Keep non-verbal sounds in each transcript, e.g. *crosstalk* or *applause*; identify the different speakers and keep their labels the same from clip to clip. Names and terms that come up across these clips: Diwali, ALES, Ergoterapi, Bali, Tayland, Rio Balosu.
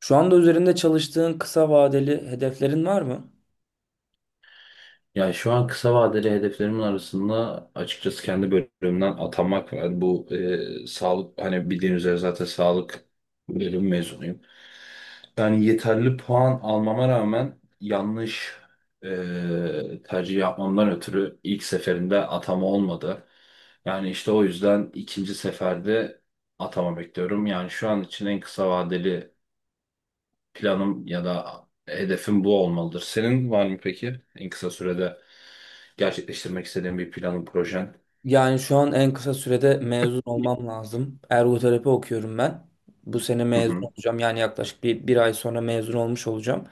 Speaker 1: Şu anda üzerinde çalıştığın kısa vadeli hedeflerin var mı?
Speaker 2: Yani şu an kısa vadeli hedeflerimin arasında açıkçası kendi bölümümden atanmak var. Yani bu sağlık, hani bildiğiniz üzere zaten sağlık bölüm mezunuyum. Yani yeterli puan almama rağmen yanlış tercih yapmamdan ötürü ilk seferinde atama olmadı. Yani işte o yüzden ikinci seferde atama bekliyorum. Yani şu an için en kısa vadeli planım ya da hedefim bu olmalıdır. Senin var mı peki en kısa sürede gerçekleştirmek istediğin bir planın, projen?
Speaker 1: Yani şu an en kısa sürede mezun olmam lazım. Ergoterapi okuyorum ben. Bu sene
Speaker 2: Hı
Speaker 1: mezun
Speaker 2: hı.
Speaker 1: olacağım. Yani yaklaşık bir ay sonra mezun olmuş olacağım.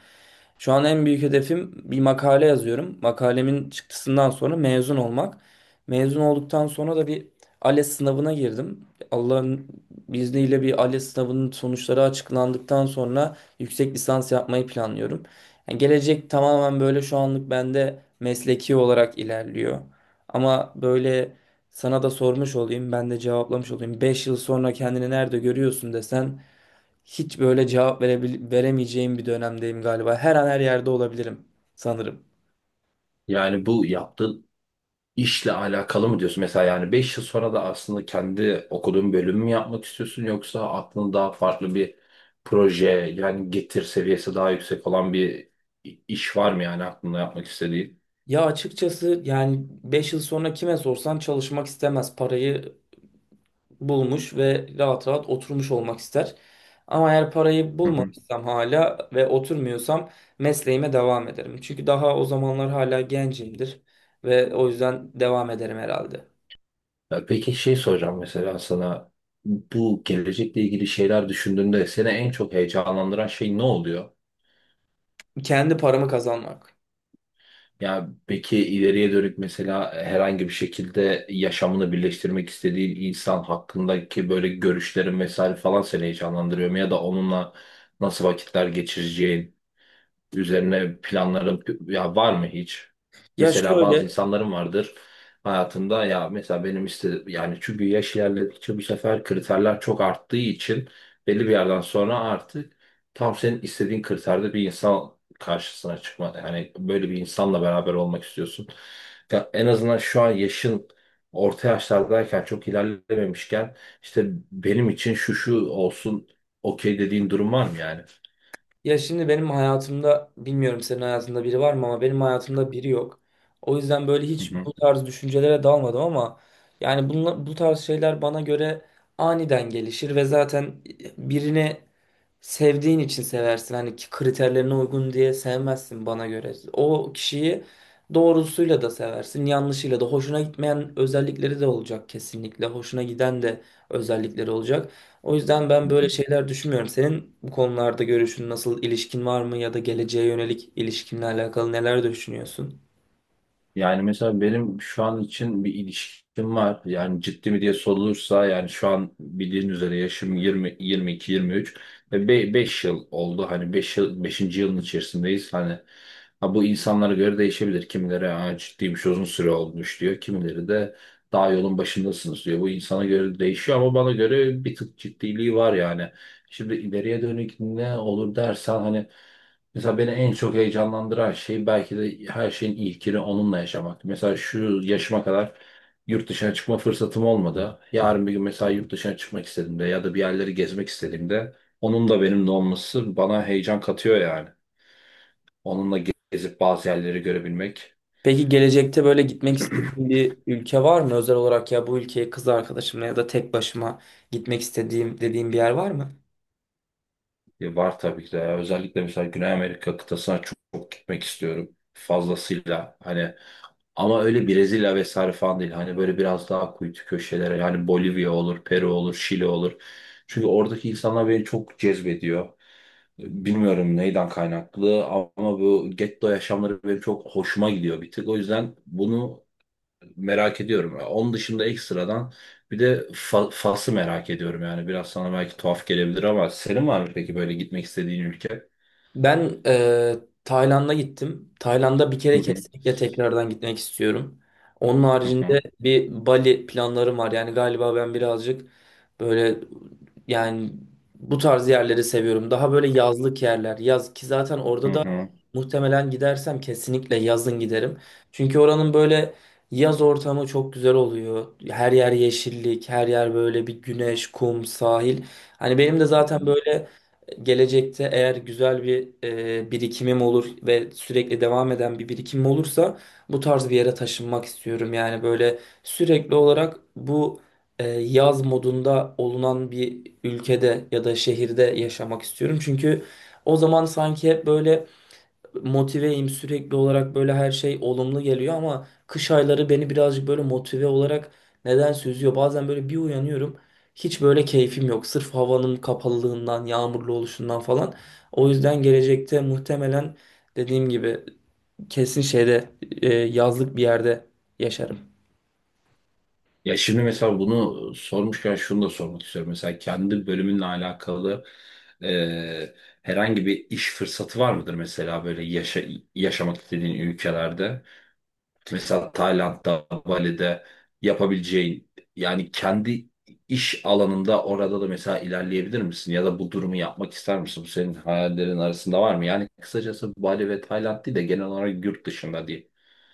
Speaker 1: Şu an en büyük hedefim bir makale yazıyorum. Makalemin çıktısından sonra mezun olmak. Mezun olduktan sonra da bir ALES sınavına girdim. Allah'ın izniyle bir ALES sınavının sonuçları açıklandıktan sonra yüksek lisans yapmayı planlıyorum. Yani gelecek tamamen böyle şu anlık bende mesleki olarak ilerliyor. Ama böyle sana da sormuş olayım, ben de cevaplamış olayım. 5 yıl sonra kendini nerede görüyorsun desen hiç böyle cevap veremeyeceğim bir dönemdeyim galiba. Her an her yerde olabilirim sanırım.
Speaker 2: Yani bu yaptığın işle alakalı mı diyorsun? Mesela yani 5 yıl sonra da aslında kendi okuduğun bölümü mü yapmak istiyorsun, yoksa aklında daha farklı bir proje, yani getir seviyesi daha yüksek olan bir iş var mı yani aklında yapmak istediğin?
Speaker 1: Ya açıkçası yani 5 yıl sonra kime sorsan çalışmak istemez. Parayı bulmuş ve rahat rahat oturmuş olmak ister. Ama eğer parayı
Speaker 2: Hı hı.
Speaker 1: bulmamışsam hala ve oturmuyorsam mesleğime devam ederim. Çünkü daha o zamanlar hala gencimdir ve o yüzden devam ederim herhalde.
Speaker 2: Ya peki şey soracağım mesela sana, bu gelecekle ilgili şeyler düşündüğünde seni en çok heyecanlandıran şey ne oluyor?
Speaker 1: Kendi paramı kazanmak.
Speaker 2: Ya peki ileriye dönük mesela herhangi bir şekilde yaşamını birleştirmek istediğin insan hakkındaki böyle görüşlerin vesaire falan seni heyecanlandırıyor mu? Ya da onunla nasıl vakitler geçireceğin üzerine planların ya var mı hiç?
Speaker 1: Ya
Speaker 2: Mesela bazı
Speaker 1: şöyle,
Speaker 2: insanların vardır hayatında, ya mesela benim işte, yani çünkü yaş ilerledikçe bu sefer kriterler çok arttığı için belli bir yerden sonra artık tam senin istediğin kriterde bir insan karşısına çıkma, yani böyle bir insanla beraber olmak istiyorsun. Ya en azından şu an yaşın orta yaşlardayken, çok ilerlememişken, işte benim için şu şu olsun, okey dediğin durum var mı yani?
Speaker 1: ya şimdi benim hayatımda bilmiyorum senin hayatında biri var mı ama benim hayatımda biri yok. O yüzden böyle hiç
Speaker 2: Hı
Speaker 1: bu tarz düşüncelere dalmadım ama yani bu tarz şeyler bana göre aniden gelişir ve zaten birini sevdiğin için seversin. Hani ki kriterlerine uygun diye sevmezsin bana göre. O kişiyi doğrusuyla da seversin, yanlışıyla da. Hoşuna gitmeyen özellikleri de olacak kesinlikle. Hoşuna giden de özellikleri olacak. O yüzden ben böyle
Speaker 2: hı.
Speaker 1: şeyler düşünmüyorum. Senin bu konularda görüşün nasıl, ilişkin var mı ya da geleceğe yönelik ilişkinle alakalı neler düşünüyorsun?
Speaker 2: Yani mesela benim şu an için bir ilişkim var. Yani ciddi mi diye sorulursa, yani şu an bildiğin üzere yaşım 20 22 23 ve 5 yıl oldu. Hani 5 yıl, 5. yılın içerisindeyiz. Hani ha, bu insanlara göre değişebilir. Kimileri "Aa, ciddiymiş, uzun süre olmuş" diyor. Kimileri de "daha yolun başındasınız" diyor. Bu insana göre değişiyor ama bana göre bir tık ciddiliği var yani. Şimdi ileriye dönük ne olur dersen, hani mesela beni en çok heyecanlandıran şey belki de her şeyin ilkini onunla yaşamak. Mesela şu yaşıma kadar yurt dışına çıkma fırsatım olmadı. Yarın bir gün mesela yurt dışına çıkmak istediğimde ya da bir yerleri gezmek istediğimde onun da benimle olması bana heyecan katıyor yani. Onunla gezip bazı yerleri görebilmek.
Speaker 1: Peki gelecekte böyle gitmek
Speaker 2: *clears throat*
Speaker 1: istediğin bir ülke var mı? Özel olarak ya bu ülkeye kız arkadaşımla ya da tek başıma gitmek istediğim dediğim bir yer var mı?
Speaker 2: E, var tabii ki de. Özellikle mesela Güney Amerika kıtasına çok, çok gitmek istiyorum. Fazlasıyla, hani ama öyle Brezilya vesaire falan değil. Hani böyle biraz daha kuytu köşelere, yani Bolivya olur, Peru olur, Şili olur. Çünkü oradaki insanlar beni çok cezbediyor. Bilmiyorum neyden kaynaklı ama bu getto yaşamları benim çok hoşuma gidiyor bir tık. O yüzden bunu merak ediyorum. Onun dışında ekstradan bir de Fas'ı merak ediyorum yani. Biraz sana belki tuhaf gelebilir ama senin var mı peki böyle gitmek istediğin ülke?
Speaker 1: Ben e, Tayland'a gittim. Tayland'a bir
Speaker 2: Hı
Speaker 1: kere
Speaker 2: hı,
Speaker 1: kesinlikle tekrardan gitmek istiyorum. Onun
Speaker 2: hı
Speaker 1: haricinde
Speaker 2: hı,
Speaker 1: bir Bali planlarım var. Yani galiba ben birazcık böyle yani bu tarz yerleri seviyorum. Daha böyle yazlık yerler. Yaz ki zaten orada da
Speaker 2: hı
Speaker 1: muhtemelen gidersem kesinlikle yazın giderim. Çünkü oranın böyle yaz ortamı çok güzel oluyor. Her yer yeşillik, her yer böyle bir güneş, kum, sahil. Hani benim de zaten
Speaker 2: hı.
Speaker 1: böyle gelecekte eğer güzel bir birikimim olur ve sürekli devam eden bir birikimim olursa bu tarz bir yere taşınmak istiyorum. Yani böyle sürekli olarak bu yaz modunda olunan bir ülkede ya da şehirde yaşamak istiyorum. Çünkü o zaman sanki hep böyle motiveyim sürekli olarak böyle her şey olumlu geliyor ama kış ayları beni birazcık böyle motive olarak neden süzüyor. Bazen böyle bir uyanıyorum hiç böyle keyfim yok sırf havanın kapalılığından yağmurlu oluşundan falan. O yüzden gelecekte muhtemelen dediğim gibi kesin şeyde yazlık bir yerde yaşarım.
Speaker 2: Ya şimdi mesela bunu sormuşken şunu da sormak istiyorum. Mesela kendi bölümünle alakalı e, herhangi bir iş fırsatı var mıdır mesela böyle yaşamak istediğin ülkelerde? Mesela Tayland'da, Bali'de yapabileceğin, yani kendi iş alanında orada da mesela ilerleyebilir misin? Ya da bu durumu yapmak ister misin? Bu senin hayallerin arasında var mı? Yani kısacası Bali ve Tayland değil de genel olarak yurt dışında diye.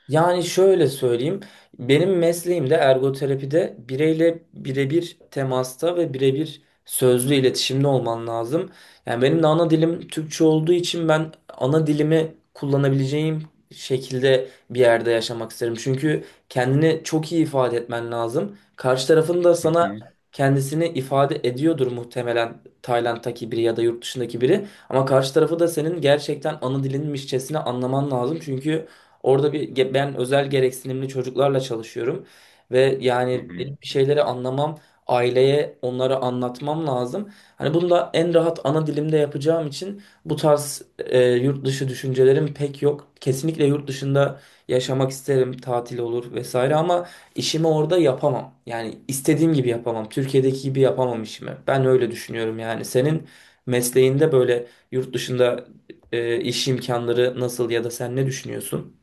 Speaker 1: Yani şöyle söyleyeyim. Benim mesleğimde ergoterapide bireyle birebir temasta ve birebir sözlü iletişimde olman lazım. Yani benim de ana dilim Türkçe olduğu için ben ana dilimi kullanabileceğim şekilde bir yerde yaşamak isterim. Çünkü kendini çok iyi ifade etmen lazım. Karşı tarafın da
Speaker 2: Hı
Speaker 1: sana
Speaker 2: hı,
Speaker 1: kendisini ifade ediyordur muhtemelen Tayland'daki biri ya da yurt dışındaki biri. Ama karşı tarafı da senin gerçekten ana dilinmişçesine anlaman lazım. Çünkü orada ben özel gereksinimli çocuklarla çalışıyorum ve
Speaker 2: hı
Speaker 1: yani
Speaker 2: hı.
Speaker 1: benim bir şeyleri anlamam, aileye onlara anlatmam lazım. Hani bunu da en rahat ana dilimde yapacağım için bu tarz yurt dışı düşüncelerim pek yok. Kesinlikle yurt dışında yaşamak isterim, tatil olur vesaire ama işimi orada yapamam. Yani istediğim gibi yapamam. Türkiye'deki gibi yapamam işimi. Ben öyle düşünüyorum yani. Senin mesleğinde böyle yurt dışında iş imkanları nasıl ya da sen ne düşünüyorsun?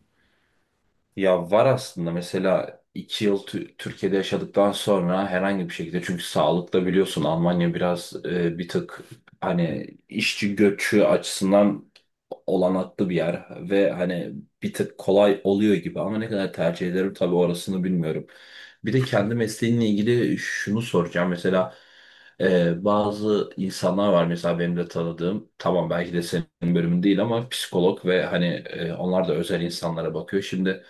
Speaker 2: Ya var aslında, mesela iki yıl Türkiye'de yaşadıktan sonra herhangi bir şekilde, çünkü sağlıkta biliyorsun Almanya biraz bir tık, hani işçi göçü açısından olanaklı bir yer ve hani bir tık kolay oluyor gibi ama ne kadar tercih ederim tabii orasını bilmiyorum. Bir de kendi mesleğimle ilgili şunu soracağım mesela, bazı insanlar var mesela benim de tanıdığım, tamam belki de senin bölümün değil ama psikolog, ve hani onlar da özel insanlara bakıyor. Şimdi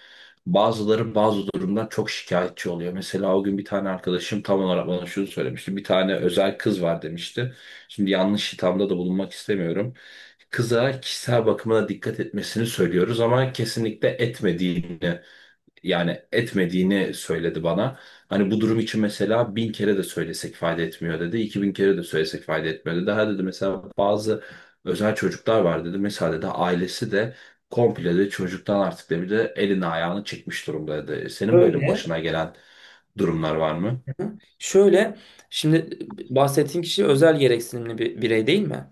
Speaker 2: bazıları bazı durumdan çok şikayetçi oluyor. Mesela o gün bir tane arkadaşım tam olarak bana şunu söylemişti. Bir tane özel kız var demişti. Şimdi yanlış hitamda da bulunmak istemiyorum. Kıza kişisel bakımına dikkat etmesini söylüyoruz ama kesinlikle etmediğini, yani etmediğini söyledi bana. Hani bu durum için mesela bin kere de söylesek fayda etmiyor dedi. İki bin kere de söylesek fayda etmiyor dedi. Ha dedi, mesela bazı özel çocuklar var dedi. Mesela dedi ailesi de komple de çocuktan artık dedi bir de elini ayağını çekmiş durumda dedi. Senin böyle
Speaker 1: Şöyle,
Speaker 2: başına gelen durumlar var mı?
Speaker 1: şöyle şimdi bahsettiğin kişi özel gereksinimli bir birey değil mi?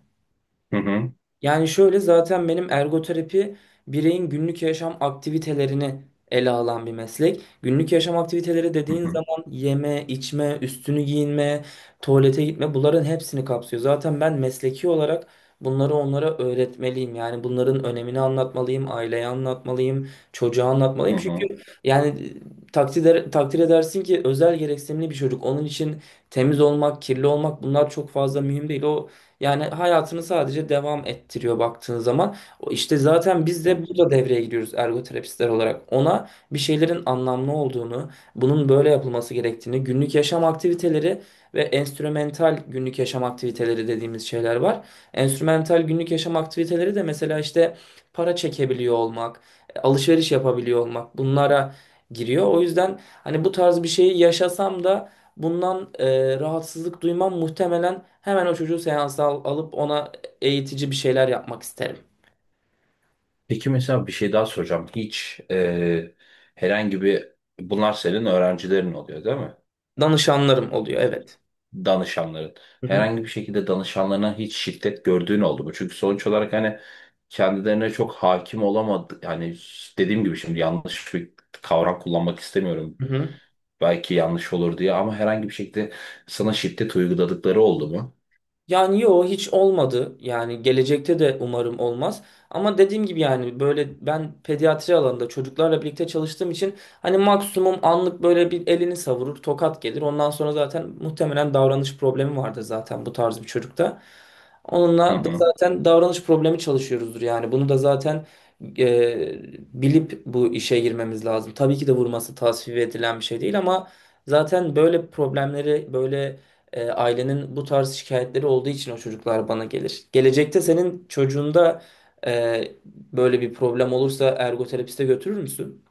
Speaker 2: Hı hı.
Speaker 1: Yani şöyle zaten benim ergoterapi bireyin günlük yaşam aktivitelerini ele alan bir meslek. Günlük yaşam aktiviteleri
Speaker 2: Hı
Speaker 1: dediğin
Speaker 2: hı.
Speaker 1: zaman yeme, içme, üstünü giyinme, tuvalete gitme bunların hepsini kapsıyor. Zaten ben mesleki olarak bunları onlara öğretmeliyim. Yani bunların önemini anlatmalıyım, aileye anlatmalıyım, çocuğa
Speaker 2: Hı
Speaker 1: anlatmalıyım.
Speaker 2: hı.
Speaker 1: Çünkü yani takdir edersin ki özel gereksinimli bir çocuk. Onun için temiz olmak, kirli olmak bunlar çok fazla mühim değil. O yani hayatını sadece devam ettiriyor baktığın zaman. O İşte zaten biz
Speaker 2: Hı
Speaker 1: de
Speaker 2: hı.
Speaker 1: burada devreye giriyoruz ergoterapistler olarak. Ona bir şeylerin anlamlı olduğunu, bunun böyle yapılması gerektiğini, günlük yaşam aktiviteleri ve enstrümental günlük yaşam aktiviteleri dediğimiz şeyler var. Enstrümental günlük yaşam aktiviteleri de mesela işte para çekebiliyor olmak, alışveriş yapabiliyor olmak bunlara giriyor. O yüzden hani bu tarz bir şeyi yaşasam da bundan rahatsızlık duymam muhtemelen hemen o çocuğu seansa alıp ona eğitici bir şeyler yapmak isterim.
Speaker 2: Peki mesela bir şey daha soracağım. Hiç herhangi bir, bunlar senin öğrencilerin oluyor değil mi?
Speaker 1: Danışanlarım oluyor, evet.
Speaker 2: Danışanların.
Speaker 1: Hı hı.
Speaker 2: Herhangi bir şekilde danışanlarına hiç şiddet gördüğün oldu mu? Çünkü sonuç olarak hani kendilerine çok hakim olamadı. Yani dediğim gibi şimdi yanlış bir kavram kullanmak istemiyorum.
Speaker 1: Hı hı.
Speaker 2: Belki yanlış olur diye, ama herhangi bir şekilde sana şiddet uyguladıkları oldu mu?
Speaker 1: Yani yo hiç olmadı. Yani gelecekte de umarım olmaz. Ama dediğim gibi yani böyle ben pediatri alanında çocuklarla birlikte çalıştığım için hani maksimum anlık böyle bir elini savurur, tokat gelir. Ondan sonra zaten muhtemelen davranış problemi vardır zaten bu tarz bir çocukta.
Speaker 2: Hı
Speaker 1: Onunla da
Speaker 2: hı.
Speaker 1: zaten davranış problemi çalışıyoruzdur yani. Bunu da zaten e, bilip bu işe girmemiz lazım. Tabii ki de vurması tasvip edilen bir şey değil ama zaten böyle problemleri böyle ailenin bu tarz şikayetleri olduğu için o çocuklar bana gelir. Gelecekte senin çocuğunda böyle bir problem olursa ergoterapiste götürür müsün?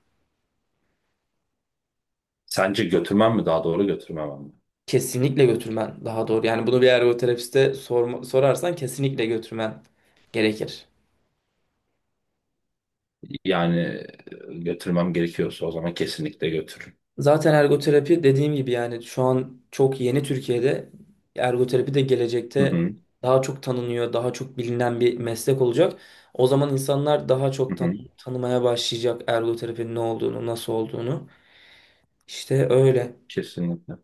Speaker 2: Sence götürmem mi daha doğru, götürmemem mi?
Speaker 1: Kesinlikle götürmen daha doğru. Yani bunu bir ergoterapiste sorarsan kesinlikle götürmen gerekir.
Speaker 2: Yani götürmem gerekiyorsa o zaman kesinlikle götürürüm.
Speaker 1: Zaten ergoterapi dediğim gibi yani şu an çok yeni Türkiye'de ergoterapi de
Speaker 2: Hı
Speaker 1: gelecekte
Speaker 2: hı,
Speaker 1: daha çok tanınıyor, daha çok bilinen bir meslek olacak. O zaman insanlar daha
Speaker 2: hı
Speaker 1: çok
Speaker 2: hı.
Speaker 1: tanımaya başlayacak ergoterapinin ne olduğunu, nasıl olduğunu. İşte öyle.
Speaker 2: Kesinlikle.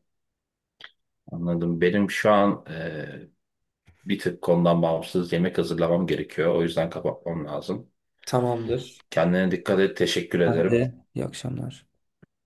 Speaker 2: Anladım. Benim şu an bir tık konudan bağımsız yemek hazırlamam gerekiyor. O yüzden kapatmam lazım.
Speaker 1: Tamamdır.
Speaker 2: Kendine dikkat et. Teşekkür
Speaker 1: Ben
Speaker 2: ederim.
Speaker 1: de. İyi akşamlar.